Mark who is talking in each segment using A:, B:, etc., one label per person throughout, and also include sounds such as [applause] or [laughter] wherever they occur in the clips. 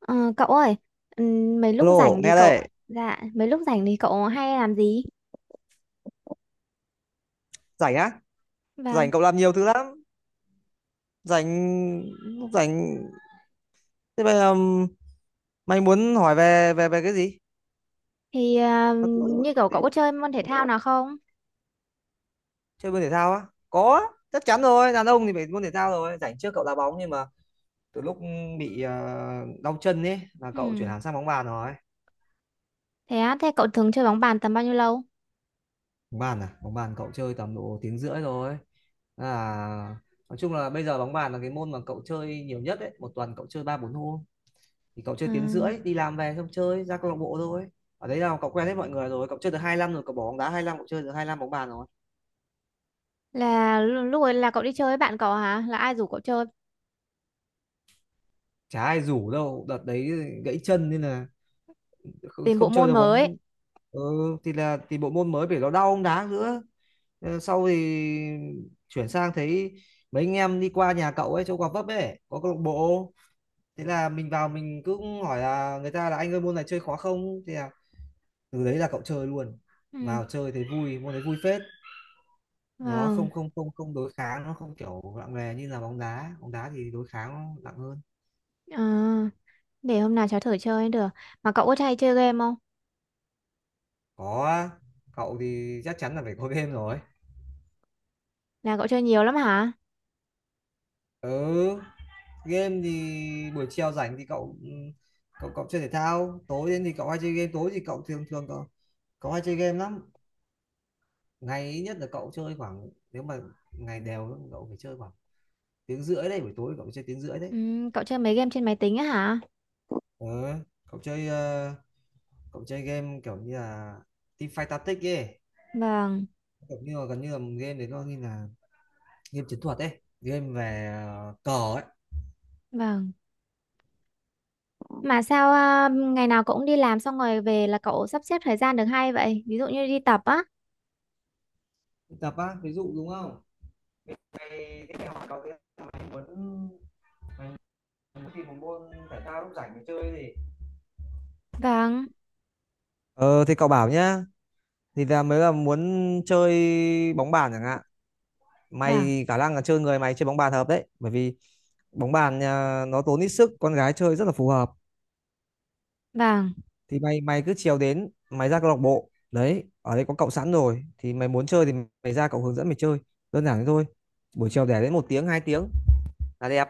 A: Ờ, Cậu ơi,
B: Alo, nghe đây,
A: mấy lúc rảnh thì cậu hay làm gì?
B: rảnh á? Rảnh
A: Vâng,
B: cậu làm nhiều thứ lắm, rảnh rảnh thế bây giờ mày muốn hỏi về về về cái gì?
A: thì
B: Tao tự dưng hỏi
A: như
B: cậu
A: cậu
B: thế.
A: cậu có chơi môn thể thao nào không?
B: Chơi môn thể thao á? Có, chắc chắn rồi, đàn ông thì phải môn thể thao rồi, rảnh trước cậu đá bóng nhưng mà từ lúc bị đau chân ấy là cậu chuyển
A: Ừm,
B: hẳn sang bóng bàn rồi.
A: Thế á, thế cậu thường chơi bóng bàn tầm bao nhiêu lâu?
B: Bóng bàn à? Bóng bàn cậu chơi tầm độ tiếng rưỡi rồi. À, nói chung là bây giờ bóng bàn là cái môn mà cậu chơi nhiều nhất đấy, một tuần cậu chơi 3 4 hôm. Thì cậu chơi
A: Ờ,
B: tiếng rưỡi, đi làm về xong chơi ra câu lạc bộ thôi. Ở đấy là cậu quen hết mọi người rồi, cậu chơi được 2 năm rồi, cậu bỏ bóng đá 2 năm, cậu chơi được hai năm bóng bàn rồi.
A: là lúc ấy là cậu đi chơi với bạn cậu hả? Là ai rủ cậu chơi
B: Chả ai rủ đâu, đợt đấy gãy chân nên là không,
A: tìm bộ
B: không chơi
A: môn
B: được
A: mới?
B: bóng. Ừ, thì bộ môn mới phải, nó đau bóng đá nữa. Ờ, sau thì chuyển sang thấy mấy anh em đi qua nhà cậu ấy chỗ Gò Vấp ấy có câu lạc bộ. Thế là mình vào mình cứ hỏi là người ta là anh ơi môn này chơi khó không, thì là từ đấy là cậu chơi luôn.
A: Ừm,
B: Vào chơi thấy vui, môn đấy vui phết. Nó
A: Vâng,
B: không không không không đối kháng, nó không kiểu nặng nề như là bóng đá, bóng đá thì đối kháng nó nặng hơn.
A: ờ, để hôm nào cháu thử chơi được. Mà cậu có hay chơi game không?
B: Có, cậu thì chắc chắn là phải có [laughs] game rồi.
A: Là cậu chơi nhiều lắm hả?
B: Ừ, game thì buổi chiều rảnh thì cậu cậu chơi thể thao, tối đến thì cậu hay chơi game, tối thì cậu thường thường cậu cậu hay chơi game lắm. Ngày ít nhất là cậu chơi khoảng, nếu mà ngày đều cậu phải chơi khoảng tiếng rưỡi đấy, buổi tối cậu phải chơi tiếng rưỡi đấy.
A: Cậu chơi mấy game trên máy tính á hả?
B: Ừ. Cậu chơi cậu chơi game kiểu như là Teamfight Tactics ấy,
A: Vâng,
B: kiểu như là gần như là game đấy, nó như là game chiến thuật ấy, game về cờ ấy.
A: vâng. Mà sao à, ngày nào cậu cũng đi làm xong rồi về là cậu sắp xếp thời gian được hay vậy? Ví dụ như đi tập á.
B: Tập á, ví dụ đúng không? Mày, thế mày hỏi cậu thế, mày muốn, mày tìm một môn thể thao lúc rảnh để chơi gì?
A: Vâng,
B: Ờ thì cậu bảo nhá. Thì là mới là muốn chơi bóng bàn chẳng hạn.
A: vâng,
B: Mày khả năng là chơi, người mày chơi bóng bàn hợp đấy. Bởi vì bóng bàn à, nó tốn ít sức, con gái chơi rất là phù hợp.
A: vâng.
B: Thì mày mày cứ chiều đến mày ra câu lạc bộ đấy, ở đây có cậu sẵn rồi, thì mày muốn chơi thì mày ra cậu hướng dẫn mày chơi, đơn giản thế thôi. Buổi chiều để đến một tiếng hai tiếng là đẹp.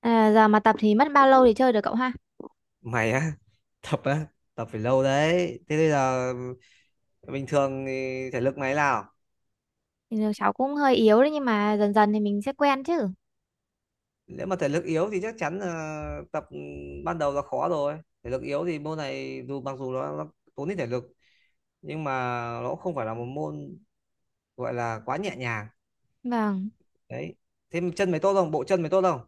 A: À, giờ mà tập thì mất bao lâu để chơi được cậu ha?
B: Mày á? [laughs] Tập á? Tập phải lâu đấy, thế bây giờ bình thường thì thể lực mày nào?
A: Thì cháu cũng hơi yếu đấy nhưng mà dần dần thì mình sẽ quen chứ.
B: Nếu mà thể lực yếu thì chắc chắn là tập ban đầu là khó rồi, thể lực yếu thì môn này dù mặc dù nó tốn ít thể lực, nhưng mà nó cũng không phải là một môn gọi là quá nhẹ nhàng.
A: Vâng.
B: Đấy, thế chân mày tốt không, bộ chân mày tốt không?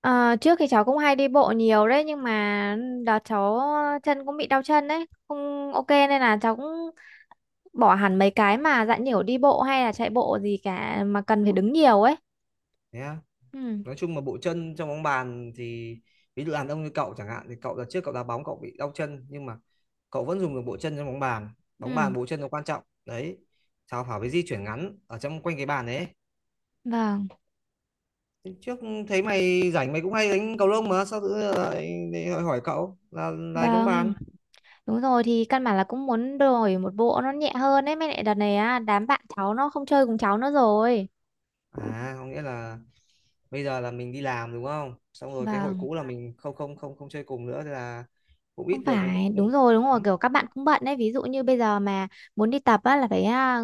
A: Ờ, Trước thì cháu cũng hay đi bộ nhiều đấy nhưng mà đợt cháu chân cũng bị đau chân đấy. Không ok nên là cháu cũng bỏ hẳn mấy cái mà dạng nhiều đi bộ hay là chạy bộ gì cả mà cần phải đứng nhiều ấy.
B: Thế á?
A: Ừ,
B: Nói chung mà bộ chân trong bóng bàn thì ví dụ đàn ông như cậu chẳng hạn thì cậu đợt trước cậu đá bóng cậu bị đau chân, nhưng mà cậu vẫn dùng được bộ chân trong bóng bàn, bóng bàn
A: ừ.
B: bộ chân nó quan trọng đấy. Sao phải, với di chuyển ngắn ở trong quanh cái bàn đấy.
A: Vâng,
B: Trước thấy mày rảnh mày cũng hay đánh cầu lông, mà sao tự nhiên lại lại hỏi hỏi cậu là bóng
A: vâng.
B: bàn?
A: Đúng rồi thì căn bản là cũng muốn đổi một bộ nó nhẹ hơn ấy. Mới lại đợt này á, đám bạn cháu nó không chơi cùng cháu nữa rồi.
B: À, có nghĩa là bây giờ là mình đi làm đúng không, xong rồi cái hội
A: Vâng,
B: cũ là mình không không không không chơi cùng nữa, thế là cũng ít
A: không
B: được.
A: phải,
B: Ừ,
A: đúng rồi, kiểu các bạn cũng bận đấy. Ví dụ như bây giờ mà muốn đi tập á, là phải à,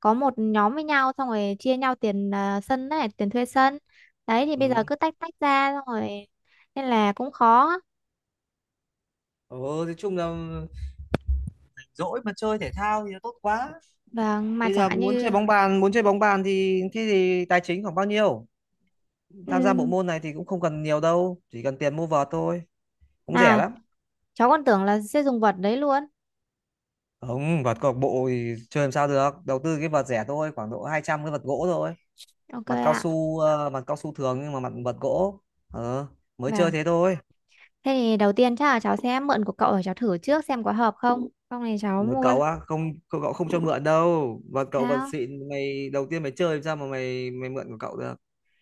A: có một nhóm với nhau xong rồi chia nhau tiền à, sân này, tiền thuê sân. Đấy thì bây giờ cứ tách tách ra xong rồi nên là cũng khó.
B: Ừ, nói chung là dỗi mà chơi thể thao thì tốt quá.
A: Vâng, mà
B: Bây
A: chẳng
B: giờ
A: hạn
B: muốn chơi
A: như...
B: bóng bàn, muốn chơi bóng bàn thì thế thì tài chính khoảng bao nhiêu? Tham gia bộ
A: ừm,
B: môn này thì cũng không cần nhiều đâu, chỉ cần tiền mua vợt thôi, cũng rẻ
A: À,
B: lắm.
A: cháu còn tưởng là sẽ dùng vật đấy luôn.
B: Không, vợt câu lạc bộ thì chơi làm sao được, đầu tư cái vợt rẻ thôi, khoảng độ 200, cái vợt gỗ thôi.
A: Ok
B: Mặt cao
A: ạ.
B: su mặt cao su thường nhưng mà mặt vợt gỗ. Ờ, mới chơi
A: Vâng.
B: thế thôi.
A: Thế thì đầu tiên chắc là cháu sẽ mượn của cậu để cháu thử trước xem có hợp không. Xong này cháu
B: Mới
A: mua.
B: cậu á, không cậu, cậu không cho mượn đâu. Vợt cậu vợt
A: Sao?
B: xịn, mày đầu tiên mày chơi làm sao mà mày mày mượn của cậu được.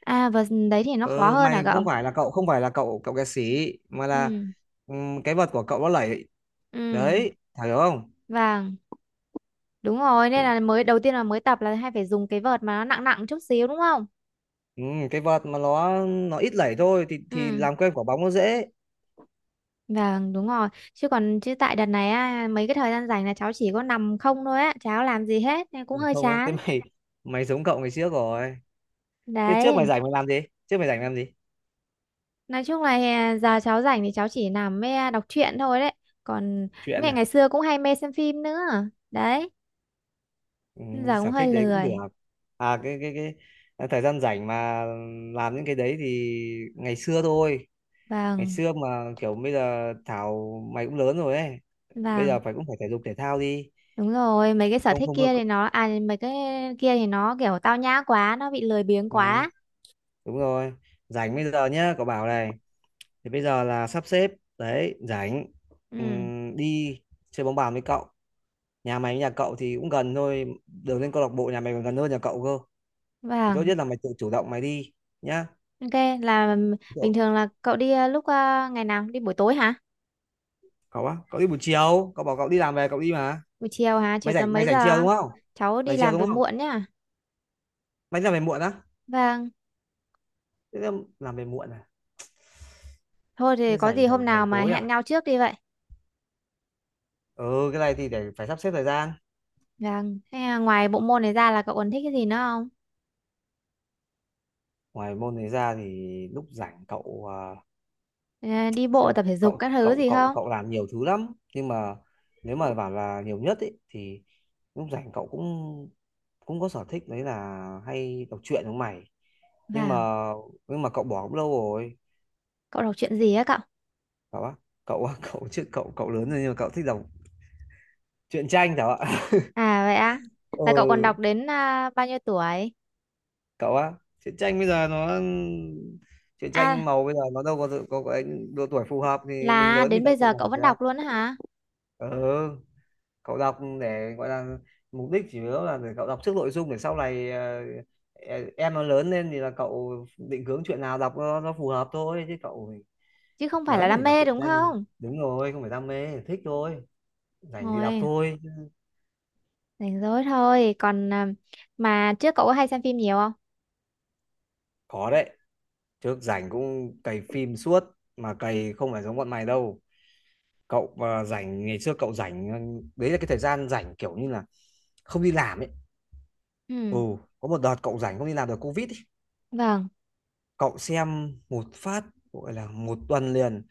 A: À và đấy thì nó khó
B: Ờ,
A: hơn
B: mày
A: hả cậu?
B: không phải là cậu không phải là cậu cậu kẹt xỉ mà là
A: Ừ.
B: cái vợt của cậu nó lẩy,
A: Ừ.
B: đấy Thảo hiểu không?
A: Vâng. Đúng rồi. Nên là mới đầu tiên là mới tập là hay phải dùng cái vợt mà nó nặng nặng chút xíu đúng không?
B: Cái vợt mà nó ít lẩy thôi thì
A: Ừ.
B: làm quen quả bóng nó dễ.
A: Vâng, đúng rồi. Chứ tại đợt này á, mấy cái thời gian rảnh là cháu chỉ có nằm không thôi á. Cháu làm gì hết nên cũng
B: Ừ,
A: hơi
B: không á, thế
A: chán.
B: mày mày giống cậu ngày trước rồi. Thế trước mày
A: Đấy.
B: rảnh mày làm gì, trước mày rảnh làm gì?
A: Nói chung là giờ cháu rảnh thì cháu chỉ nằm mê đọc truyện thôi đấy. Còn
B: Chuyện
A: mẹ
B: à?
A: ngày xưa cũng hay mê xem phim nữa. Đấy. Giờ cũng
B: Sở
A: hơi
B: thích đấy cũng được.
A: lười.
B: À, cái thời gian rảnh mà làm những cái đấy thì ngày xưa thôi, ngày
A: Vâng,
B: xưa mà kiểu bây giờ Thảo mày cũng lớn rồi ấy, bây
A: vâng,
B: giờ phải cũng phải thể dục thể thao đi.
A: đúng rồi, mấy cái sở
B: Không,
A: thích
B: không được.
A: kia thì nó à, mấy cái kia thì nó kiểu tao nhã quá, nó bị lười biếng
B: Ừ,
A: quá.
B: đúng rồi. Rảnh bây giờ nhá, cậu bảo này, thì bây giờ là sắp xếp, đấy rảnh.
A: Ừ,
B: Đi chơi bóng bàn với cậu, nhà mày với nhà cậu thì cũng gần thôi, đường lên câu lạc bộ nhà mày còn gần hơn nhà cậu cơ, thì tốt
A: vâng.
B: nhất là mày tự chủ động mày đi nhá.
A: Ok, là bình
B: cậu
A: thường là cậu đi lúc ngày nào đi buổi tối hả?
B: cậu á, cậu đi buổi chiều, cậu bảo cậu đi làm về cậu đi mà.
A: Buổi chiều hả, chiều
B: mày
A: tầm
B: rảnh mày
A: mấy
B: rảnh chiều
A: giờ?
B: đúng không?
A: Cháu đi
B: Rảnh chiều
A: làm về
B: đúng không?
A: muộn nhá.
B: Mày đi làm về muộn á?
A: Vâng.
B: Thế làm về muộn à?
A: Thôi thì
B: Thế
A: có
B: rảnh
A: gì hôm
B: rảnh
A: nào
B: rảnh
A: mà
B: tối
A: hẹn
B: à?
A: nhau trước đi vậy.
B: Ừ, cái này thì để phải sắp xếp thời gian.
A: Vâng, thế à, ngoài bộ môn này ra là cậu còn thích cái gì nữa không?
B: Ngoài môn này ra thì lúc rảnh cậu à,
A: Ờ, Đi bộ
B: xem là
A: tập thể dục
B: cậu
A: các thứ
B: cậu
A: gì
B: cậu
A: không?
B: cậu làm nhiều thứ lắm, nhưng mà nếu mà bảo là nhiều nhất ấy thì lúc rảnh cậu cũng cũng có sở thích đấy là hay đọc truyện giống mày. Nhưng mà
A: Vâng,
B: nhưng mà cậu bỏ cũng lâu rồi.
A: cậu đọc truyện gì á cậu?
B: Cậu á, cậu [laughs] cậu chứ cậu cậu lớn rồi, nhưng mà cậu thích đọc truyện tranh hả ạ?
A: À vậy á?
B: [laughs]
A: Là cậu còn đọc
B: Ừ,
A: đến à, bao nhiêu tuổi?
B: cậu á, truyện tranh bây giờ nó truyện
A: À,
B: tranh màu bây giờ nó đâu có có cái độ tuổi phù hợp, thì mình
A: là
B: lớn thì
A: đến
B: đọc
A: bây
B: truyện
A: giờ
B: nào
A: cậu
B: phải
A: vẫn
B: ra.
A: đọc luôn á hả?
B: Ừ, cậu đọc để gọi là, mục đích chủ yếu là để cậu đọc trước nội dung để sau này em nó lớn lên thì là cậu định hướng chuyện nào đọc nó phù hợp thôi, chứ cậu
A: Chứ không phải là
B: lớn này
A: đam
B: đọc
A: mê
B: truyện
A: đúng
B: tranh
A: không?
B: đúng rồi không phải đam mê, thích thôi, rảnh thì đọc
A: Rồi,
B: thôi.
A: rảnh rỗi thôi. Còn à, mà trước cậu có hay xem phim nhiều không?
B: Khó đấy, trước rảnh cũng cày phim suốt, mà cày không phải giống bọn mày đâu. Cậu à, rảnh ngày xưa cậu rảnh đấy là cái thời gian rảnh kiểu như là không đi làm ấy.
A: Ừ,
B: Ừ, có một đợt cậu rảnh không đi làm được, COVID ấy.
A: vâng.
B: Cậu xem một phát, gọi là một tuần liền.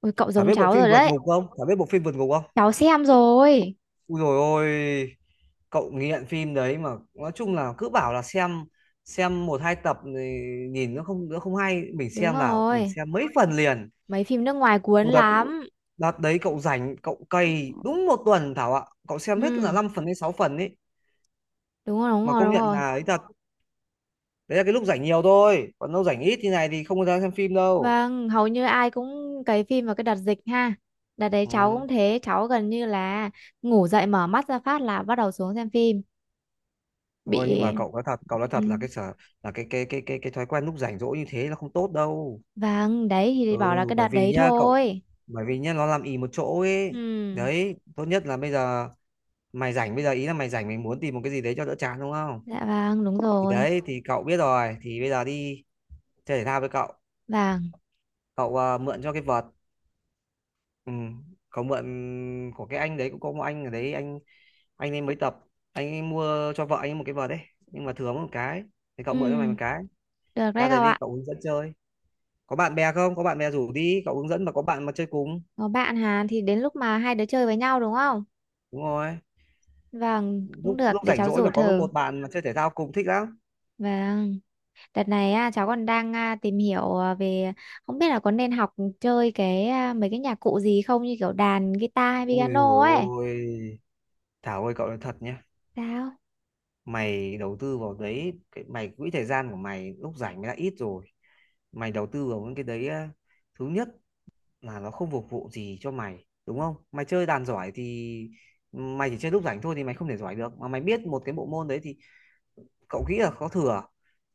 A: Ôi cậu
B: Thảo
A: giống
B: biết bộ
A: cháu
B: phim
A: rồi
B: vượt
A: đấy.
B: ngục không? Thảo biết bộ phim vượt ngục không?
A: Cháu xem rồi.
B: Ui rồi ôi, cậu nghiện phim đấy, mà nói chung là cứ bảo là xem một hai tập thì nhìn nó không, nó không hay, mình
A: Đúng
B: xem vào mình
A: rồi.
B: xem mấy phần liền.
A: Mấy phim nước ngoài cuốn
B: Ui đợt
A: lắm.
B: đợt đấy cậu rảnh cậu cày đúng một tuần Thảo ạ, cậu xem hết là
A: Ừ,
B: 5 phần đến 6 phần ấy.
A: đúng rồi, đúng
B: Mà
A: rồi,
B: công
A: đúng
B: nhận
A: rồi.
B: là ấy thật, đấy là cái lúc rảnh nhiều thôi, còn lúc rảnh ít như này thì không có ra xem phim đâu.
A: Vâng, hầu như ai cũng cày phim vào cái đợt dịch ha. Đợt đấy cháu
B: Ừ,
A: cũng thế, cháu gần như là ngủ dậy mở mắt ra phát là bắt đầu xuống xem phim
B: thôi nhưng
A: bị.
B: mà cậu nói thật, cậu nói
A: Ừ.
B: thật là cái sở là cái thói quen lúc rảnh rỗi như thế là không tốt đâu.
A: Vâng, đấy thì
B: Ừ,
A: bảo là cái đợt
B: bởi vì
A: đấy
B: nhá cậu,
A: thôi.
B: bởi vì nhá nó làm ì một chỗ ấy.
A: Ừ.
B: Đấy tốt nhất là bây giờ mày rảnh, bây giờ ý là mày rảnh mày muốn tìm một cái gì đấy cho đỡ chán đúng không?
A: Dạ vâng, đúng
B: Thì
A: rồi.
B: đấy thì cậu biết rồi, thì bây giờ đi chơi thể thao với cậu.
A: Vâng.
B: Cậu à, mượn cho cái vợt. Ừ. Cậu mượn của cái anh đấy, cũng có một anh ở đấy, anh ấy mới tập, anh ấy mua cho vợ anh ấy một cái vợt đấy, nhưng mà thừa mất một cái, thì cậu
A: Ừ.
B: mượn cho mày một cái.
A: Được
B: Ra
A: đấy
B: đấy
A: cậu
B: đi
A: ạ.
B: cậu hướng dẫn chơi, có bạn bè không, có bạn bè rủ đi cậu hướng dẫn mà có bạn mà chơi cùng.
A: Có bạn Hàn thì đến lúc mà hai đứa chơi với nhau đúng không?
B: Đúng rồi,
A: Vâng, cũng
B: lúc
A: được
B: lúc
A: để
B: rảnh
A: cháu
B: rỗi
A: rủ
B: và có
A: thử.
B: một bạn mà chơi thể thao cùng thích lắm.
A: Vâng. Đợt này á, cháu còn đang à, tìm hiểu à, về không biết là có nên học chơi cái à, mấy cái nhạc cụ gì không như kiểu đàn guitar hay
B: Ui dồi
A: piano ấy.
B: ôi Thảo ơi, cậu nói thật nhá,
A: Sao?
B: mày đầu tư vào đấy mày, quỹ thời gian của mày lúc rảnh mày đã ít rồi, mày đầu tư vào những cái đấy, thứ nhất là nó không phục vụ gì cho mày đúng không, mày chơi đàn giỏi thì mày chỉ chơi lúc rảnh thôi thì mày không thể giỏi được, mà mày biết một cái bộ môn đấy thì cậu nghĩ là có thừa,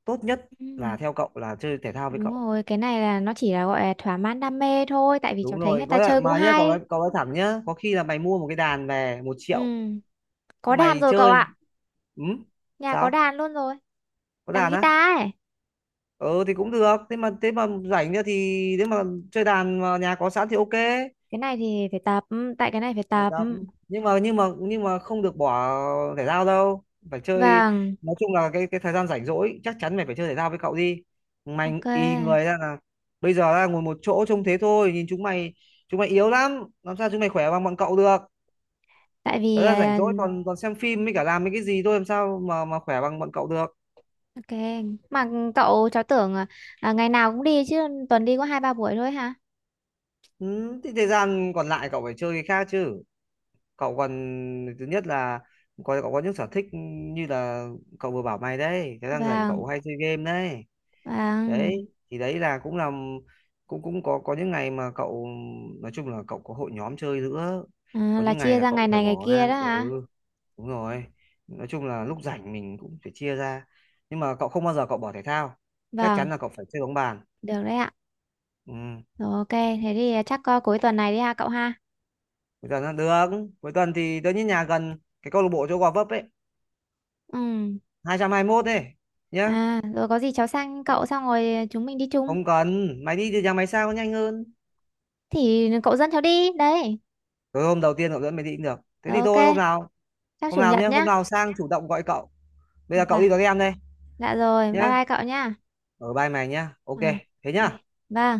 B: tốt nhất là
A: Ừ.
B: theo cậu là chơi thể thao với
A: Đúng
B: cậu.
A: rồi, cái này là nó chỉ là gọi là thỏa mãn đam mê thôi, tại vì cháu
B: Đúng
A: thấy
B: rồi,
A: người
B: có
A: ta
B: lẽ
A: chơi cũng
B: mà nhá,
A: hay.
B: cậu nói thẳng nhá, có khi là mày mua một cái đàn về 1 triệu
A: Ừ, có đàn
B: mày
A: rồi cậu
B: chơi.
A: ạ.
B: Ừ?
A: Nhà có
B: Sao
A: đàn luôn rồi.
B: có
A: Đàn
B: đàn á?
A: guitar ấy.
B: Ừ thì cũng được, thế mà rảnh nữa thì nếu mà chơi đàn mà nhà có sẵn thì ok.
A: Cái này thì phải tập, tại cái này phải
B: Bài
A: tập.
B: tập nhưng mà không được bỏ thể thao đâu, phải chơi.
A: Vâng,
B: Nói chung là cái thời gian rảnh rỗi chắc chắn mày phải chơi thể thao với cậu đi, mày
A: ok.
B: y người ra là bây giờ ra ngồi một chỗ trông thế thôi, nhìn chúng mày, chúng mày yếu lắm làm sao chúng mày khỏe bằng bọn cậu được.
A: Tại vì
B: Thời gian rảnh
A: à,
B: rỗi còn còn xem phim với cả làm mấy cái gì thôi, làm sao mà khỏe bằng bọn cậu được.
A: ok, mà cậu cháu tưởng à, ngày nào cũng đi chứ tuần đi có hai ba buổi thôi hả?
B: Ừ, thì thời gian còn lại cậu phải chơi cái khác chứ. Cậu còn, thứ nhất là có cậu có những sở thích như là cậu vừa bảo mày đấy, thời gian rảnh
A: Vâng,
B: cậu hay chơi game đấy.
A: vâng.
B: Đấy thì đấy là cũng cũng có những ngày mà cậu, nói chung là cậu có hội nhóm chơi nữa.
A: À,
B: Có
A: là
B: những ngày
A: chia
B: là
A: ra
B: cậu
A: ngày
B: phải
A: này ngày
B: bỏ
A: kia
B: ngang.
A: đó
B: Ừ,
A: hả?
B: đúng rồi, nói chung là lúc rảnh mình cũng phải chia ra, nhưng mà cậu không bao giờ cậu bỏ thể thao, chắc
A: Vâng,
B: chắn là cậu phải chơi bóng bàn.
A: được đấy ạ.
B: Ừ,
A: Rồi ok, thế thì chắc à, cuối tuần này đi ha cậu ha.
B: cuối tuần là được. Cuối tuần thì tớ nhất nhà gần cái câu lạc bộ chỗ Gò Vấp ấy, hai
A: Ừ.
B: 221 ấy nhá.
A: À, rồi có gì cháu sang cậu xong rồi chúng mình đi chung.
B: Không cần, mày đi từ nhà mày sang có nhanh hơn.
A: Thì cậu dẫn cháu đi. Đấy.
B: Rồi hôm đầu tiên cậu dẫn mày đi cũng được, thế
A: Rồi
B: thì thôi hôm
A: ok.
B: nào,
A: Chắc chủ nhật
B: nhé, hôm
A: nhá.
B: nào sang chủ động gọi cậu. Bây giờ cậu
A: Vâng,
B: đi vào game đây
A: dạ rồi, bye
B: nhá,
A: bye cậu nhá.
B: ở vai mày nhá ok,
A: À,
B: thế nhá.
A: ok. Vâng.